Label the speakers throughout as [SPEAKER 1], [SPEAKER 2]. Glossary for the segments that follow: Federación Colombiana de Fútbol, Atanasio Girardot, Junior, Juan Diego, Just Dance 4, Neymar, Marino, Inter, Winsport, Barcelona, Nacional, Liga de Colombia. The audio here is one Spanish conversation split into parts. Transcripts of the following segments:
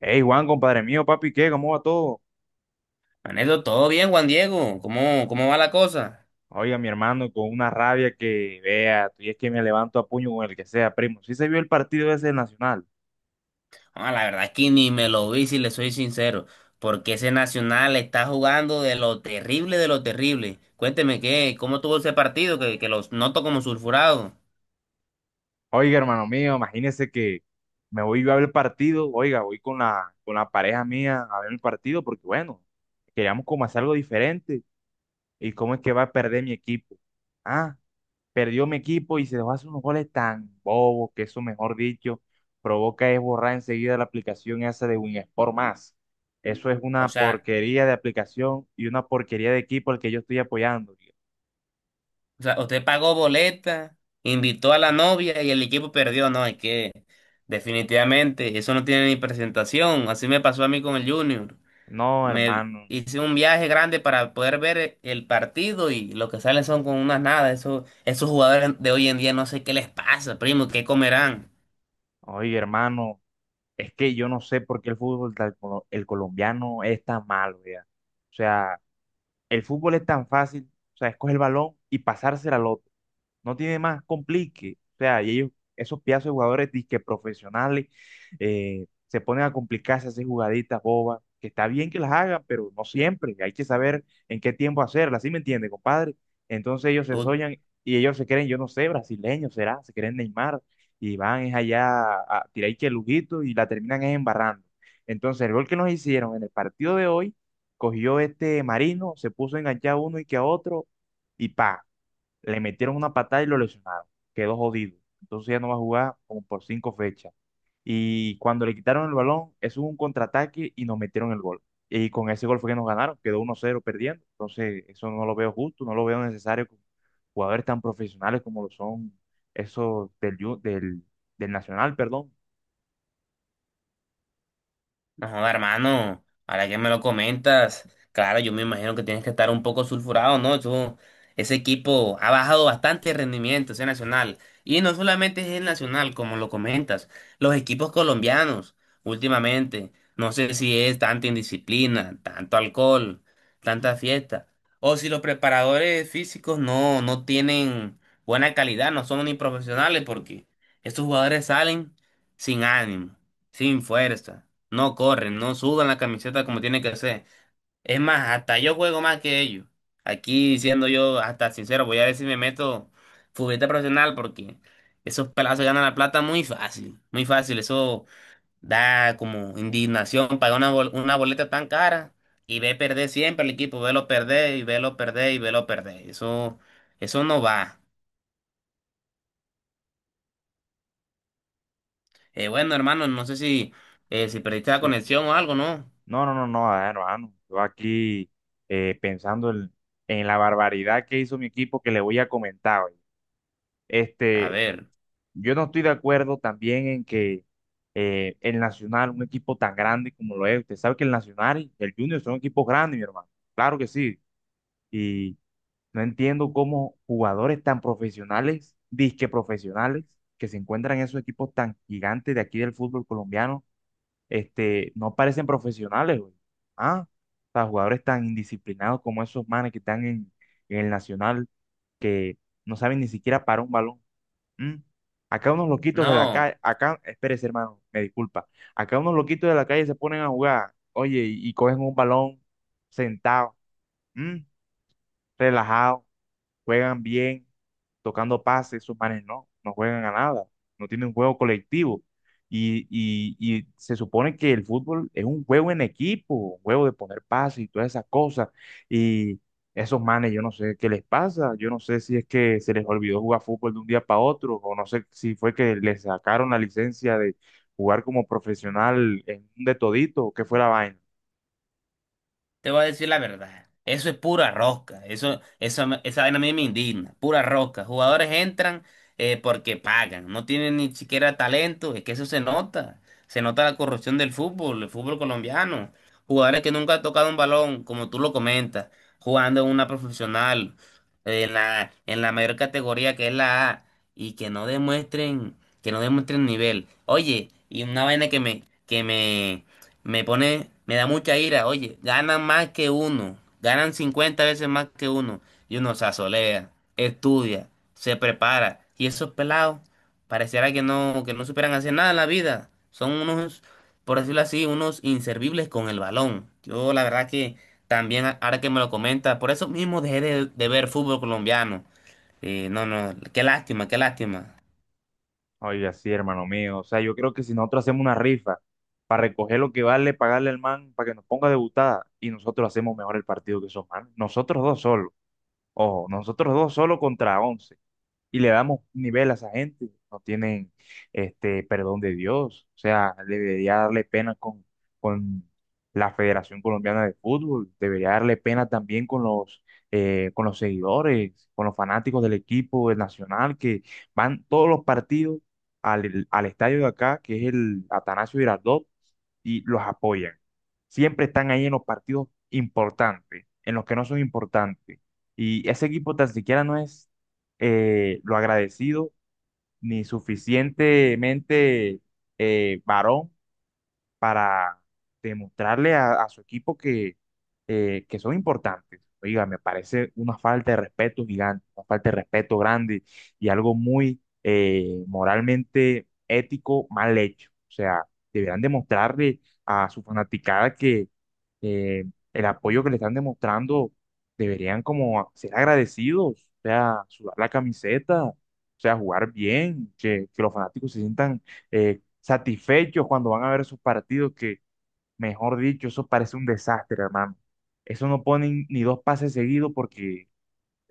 [SPEAKER 1] Hey Juan, compadre mío, papi, ¿qué? ¿Cómo va todo?
[SPEAKER 2] Manito, todo bien, Juan Diego. ¿Cómo va la cosa?
[SPEAKER 1] Oiga, mi hermano, con una rabia que vea, y es que me levanto a puño con el que sea, primo. Sí se vio el partido ese del Nacional.
[SPEAKER 2] Ah, la verdad es que ni me lo vi, si le soy sincero, porque ese Nacional está jugando de lo terrible, de lo terrible. Cuénteme cómo tuvo ese partido que los noto como sulfurado.
[SPEAKER 1] Oiga, hermano mío, imagínese que me voy yo a ver el partido, oiga, voy con la pareja mía a ver el partido, porque bueno, queríamos como hacer algo diferente. ¿Y cómo es que va a perder mi equipo? Ah, perdió mi equipo y se dejó hacer unos goles tan bobos que eso, mejor dicho, provoca es borrar enseguida la aplicación esa de Winsport más. Eso es
[SPEAKER 2] O
[SPEAKER 1] una
[SPEAKER 2] sea,
[SPEAKER 1] porquería de aplicación y una porquería de equipo al que yo estoy apoyando, tío.
[SPEAKER 2] o sea, usted pagó boleta, invitó a la novia y el equipo perdió. No, es que definitivamente eso no tiene ni presentación. Así me pasó a mí con el Junior.
[SPEAKER 1] No,
[SPEAKER 2] Me
[SPEAKER 1] hermano.
[SPEAKER 2] hice un viaje grande para poder ver el partido y lo que salen son con unas nada. Eso, esos jugadores de hoy en día no sé qué les pasa, primo, qué comerán.
[SPEAKER 1] Oye, hermano, es que yo no sé por qué el fútbol, el colombiano es tan malo, ya. O sea, el fútbol es tan fácil, o sea, escoge el balón y pasársela al otro. No tiene más complique. O sea, y ellos, esos pedazos de jugadores disque profesionales, se ponen a complicarse, a hacer jugaditas bobas, que está bien que las hagan, pero no siempre. Hay que saber en qué tiempo hacerlas, ¿sí me entiende, compadre? Entonces ellos se soñan y ellos se creen, yo no sé, brasileños será, se creen Neymar y van es allá a tirar ahí que lujito y la terminan es embarrando. Entonces el gol que nos hicieron en el partido de hoy, cogió este Marino, se puso a enganchar a uno y que a otro y pa. Le metieron una patada y lo lesionaron. Quedó jodido. Entonces ya no va a jugar como por cinco fechas. Y cuando le quitaron el balón, eso fue un contraataque y nos metieron el gol. Y con ese gol fue que nos ganaron, quedó 1-0 perdiendo. Entonces, eso no lo veo justo, no lo veo necesario con jugadores tan profesionales como lo son esos del Nacional, perdón.
[SPEAKER 2] No, joda, hermano, ahora que me lo comentas, claro, yo me imagino que tienes que estar un poco sulfurado, ¿no? Ese equipo ha bajado bastante el rendimiento, ese Nacional. Y no solamente es el Nacional, como lo comentas, los equipos colombianos últimamente, no sé si es tanta indisciplina, tanto alcohol, tanta fiesta, o si los preparadores físicos no tienen buena calidad, no son ni profesionales, porque estos jugadores salen sin ánimo, sin fuerza, no corren, no sudan la camiseta como tiene que ser. Es más, hasta yo juego más que ellos. Aquí siendo yo hasta sincero, voy a ver si me meto futbolista profesional porque esos pelazos ganan la plata muy fácil, muy fácil. Eso da como indignación pagar una, una boleta tan cara y ve perder siempre el equipo, velo perder y velo perder y velo perder. Eso no va. Bueno, hermano, no sé si perdiste la
[SPEAKER 1] Sí.
[SPEAKER 2] conexión o algo, ¿no?
[SPEAKER 1] No, no, no, no, a ver, hermano. Yo aquí pensando en la barbaridad que hizo mi equipo que le voy a comentar hoy.
[SPEAKER 2] A
[SPEAKER 1] Este,
[SPEAKER 2] ver,
[SPEAKER 1] Yo no estoy de acuerdo también en que el Nacional, un equipo tan grande como lo es, usted sabe que el Nacional y el Junior son equipos grandes, mi hermano. Claro que sí. Y no entiendo cómo jugadores tan profesionales, disque profesionales, que se encuentran en esos equipos tan gigantes de aquí del fútbol colombiano, no parecen profesionales, güey. Ah, o sea, jugadores tan indisciplinados como esos manes que están en el Nacional, que no saben ni siquiera parar un balón. Mm. Acá unos loquitos de la
[SPEAKER 2] no.
[SPEAKER 1] calle, acá, espérese hermano, me disculpa, acá unos loquitos de la calle se ponen a jugar, oye, y cogen un balón sentado, mm, relajado, juegan bien tocando pases, sus manes no juegan a nada, no tienen un juego colectivo. Y se supone que el fútbol es un juego en equipo, un juego de poner pases y todas esas cosas. Y esos manes, yo no sé qué les pasa, yo no sé si es que se les olvidó jugar fútbol de un día para otro, o no sé si fue que les sacaron la licencia de jugar como profesional en un de todito, o qué fue la vaina.
[SPEAKER 2] Te voy a decir la verdad. Eso es pura rosca. Esa vaina a mí me indigna. Pura rosca. Jugadores entran porque pagan. No tienen ni siquiera talento. Es que eso se nota. Se nota la corrupción del fútbol, el fútbol colombiano. Jugadores que nunca han tocado un balón, como tú lo comentas, jugando en una profesional, en en la mayor categoría que es la A, y que no demuestren nivel. Oye, y una vaina que me pone, me da mucha ira, oye, ganan más que uno, ganan 50 veces más que uno, y uno se asolea, estudia, se prepara, y esos pelados pareciera que que no superan hacer nada en la vida, son unos, por decirlo así, unos inservibles con el balón. Yo la verdad que también, ahora que me lo comenta, por eso mismo dejé de ver fútbol colombiano. No, qué lástima, qué lástima.
[SPEAKER 1] Oiga, sí, hermano mío. O sea, yo creo que si nosotros hacemos una rifa para recoger lo que vale, pagarle al man para que nos ponga debutada y nosotros hacemos mejor el partido que esos man. Nosotros dos solos. Ojo, nosotros dos solos contra 11 y le damos nivel a esa gente. No tienen este perdón de Dios. O sea, debería darle pena con la Federación Colombiana de Fútbol, debería darle pena también con los seguidores, con los fanáticos del equipo del Nacional que van todos los partidos al estadio de acá, que es el Atanasio Girardot, y los apoyan. Siempre están ahí en los partidos importantes, en los que no son importantes. Y ese equipo tan siquiera no es lo agradecido ni suficientemente varón para demostrarle a su equipo que son importantes. Oiga, me parece una falta de respeto gigante, una falta de respeto grande y algo muy moralmente ético mal hecho. O sea, deberán demostrarle a su fanaticada que eh, el apoyo que le están demostrando deberían como ser agradecidos, o sea, sudar la camiseta, o sea, jugar bien, que los fanáticos se sientan satisfechos cuando van a ver sus partidos, que mejor dicho, eso parece un desastre, hermano. Eso no ponen ni dos pases seguidos porque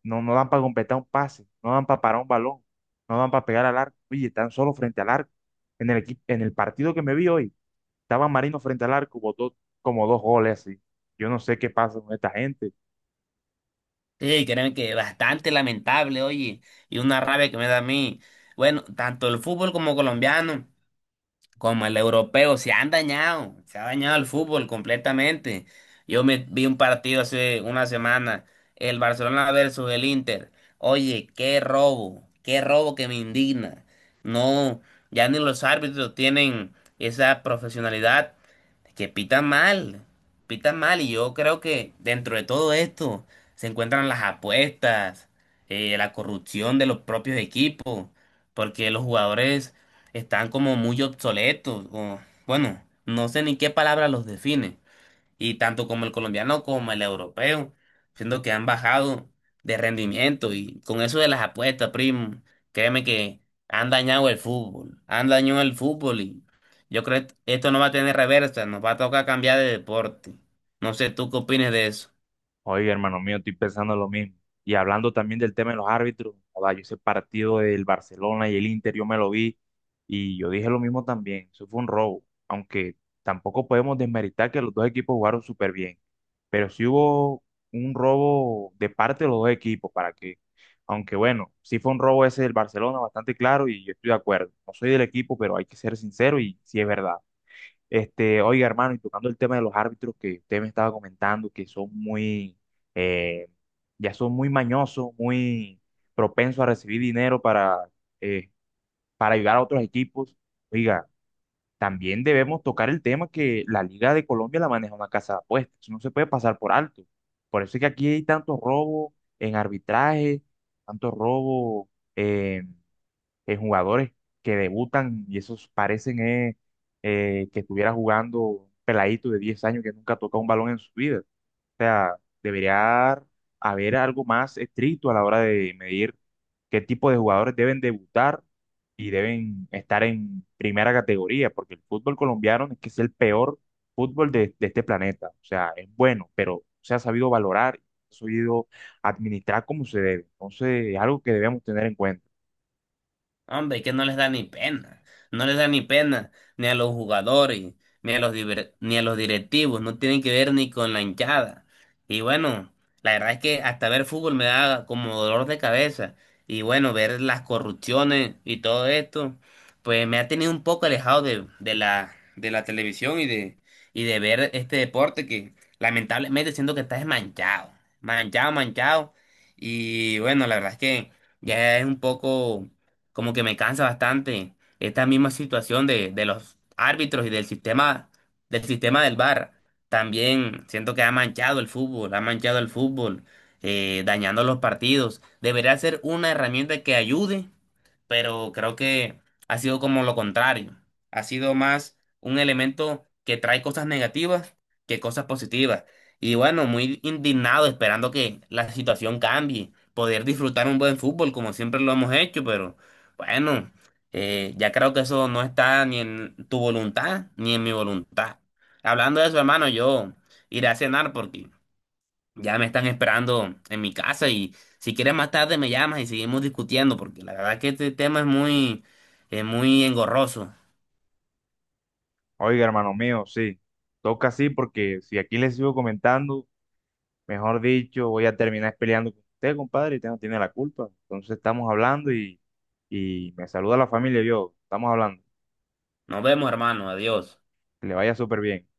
[SPEAKER 1] no dan para completar un pase, no dan para parar un balón, no dan para pegar al arco. Oye, están solo frente al arco. En el equipo, en el partido que me vi hoy, estaba Marino frente al arco, botó como dos goles así. Yo no sé qué pasa con esta gente.
[SPEAKER 2] Sí, créeme que bastante lamentable, oye, y una rabia que me da a mí. Bueno, tanto el fútbol como colombiano, como el europeo, se han dañado, se ha dañado el fútbol completamente. Yo me vi un partido hace una semana, el Barcelona versus el Inter. Oye, qué robo que me indigna. No, ya ni los árbitros tienen esa profesionalidad, es que pitan mal y yo creo que dentro de todo esto se encuentran las apuestas, la corrupción de los propios equipos, porque los jugadores están como muy obsoletos, o bueno, no sé ni qué palabra los define y tanto como el colombiano como el europeo, siendo que han bajado de rendimiento y con eso de las apuestas, primo, créeme que han dañado el fútbol, han dañado el fútbol y yo creo que esto no va a tener reversa, nos va a tocar cambiar de deporte. No sé, ¿tú qué opinas de eso?
[SPEAKER 1] Oye, hermano mío, estoy pensando lo mismo. Y hablando también del tema de los árbitros, joda, yo ese partido del Barcelona y el Inter, yo me lo vi y yo dije lo mismo también. Eso fue un robo, aunque tampoco podemos desmeritar que los dos equipos jugaron súper bien. Pero sí hubo un robo de parte de los dos equipos, para que, aunque bueno, sí fue un robo ese del Barcelona, bastante claro y yo estoy de acuerdo. No soy del equipo, pero hay que ser sincero y sí es verdad. Oiga, hermano, y tocando el tema de los árbitros que usted me estaba comentando, que son muy, eh, ya son muy mañosos, muy propensos a recibir dinero eh, para ayudar a otros equipos. Oiga, también debemos tocar el tema que la Liga de Colombia la maneja una casa de apuestas. Eso no se puede pasar por alto. Por eso es que aquí hay tanto robo en arbitraje, tanto robo eh, jugadores que debutan y esos parecen que estuviera jugando un peladito de 10 años que nunca toca un balón en su vida. O sea, debería haber algo más estricto a la hora de medir qué tipo de jugadores deben debutar y deben estar en primera categoría, porque el fútbol colombiano es que es el peor fútbol de este planeta. O sea, es bueno, pero se ha sabido valorar, se ha sabido administrar como se debe. Entonces, es algo que debemos tener en cuenta.
[SPEAKER 2] Hombre, es que no les da ni pena, no les da ni pena, ni a los jugadores, ni a los, ni a los directivos, no tienen que ver ni con la hinchada. Y bueno, la verdad es que hasta ver fútbol me da como dolor de cabeza. Y bueno, ver las corrupciones y todo esto, pues me ha tenido un poco alejado de, de la televisión y de ver este deporte que lamentablemente siento que está desmanchado, manchado, manchado. Y bueno, la verdad es que ya es un poco como que me cansa bastante esta misma situación de los árbitros y del sistema, del sistema del VAR. También siento que ha manchado el fútbol, ha manchado el fútbol, dañando los partidos. Debería ser una herramienta que ayude, pero creo que ha sido como lo contrario. Ha sido más un elemento que trae cosas negativas que cosas positivas. Y bueno, muy indignado esperando que la situación cambie, poder disfrutar un buen fútbol como siempre lo hemos hecho, pero bueno, ya creo que eso no está ni en tu voluntad ni en mi voluntad. Hablando de eso, hermano, yo iré a cenar porque ya me están esperando en mi casa y si quieres más tarde me llamas y seguimos discutiendo porque la verdad que este tema es muy engorroso.
[SPEAKER 1] Oiga, hermano mío, sí, toca así porque si aquí le sigo comentando, mejor dicho, voy a terminar peleando con usted, compadre, y usted no tiene la culpa. Entonces estamos hablando y me saluda la familia y yo, estamos hablando,
[SPEAKER 2] Nos vemos, hermano. Adiós.
[SPEAKER 1] que le vaya súper bien.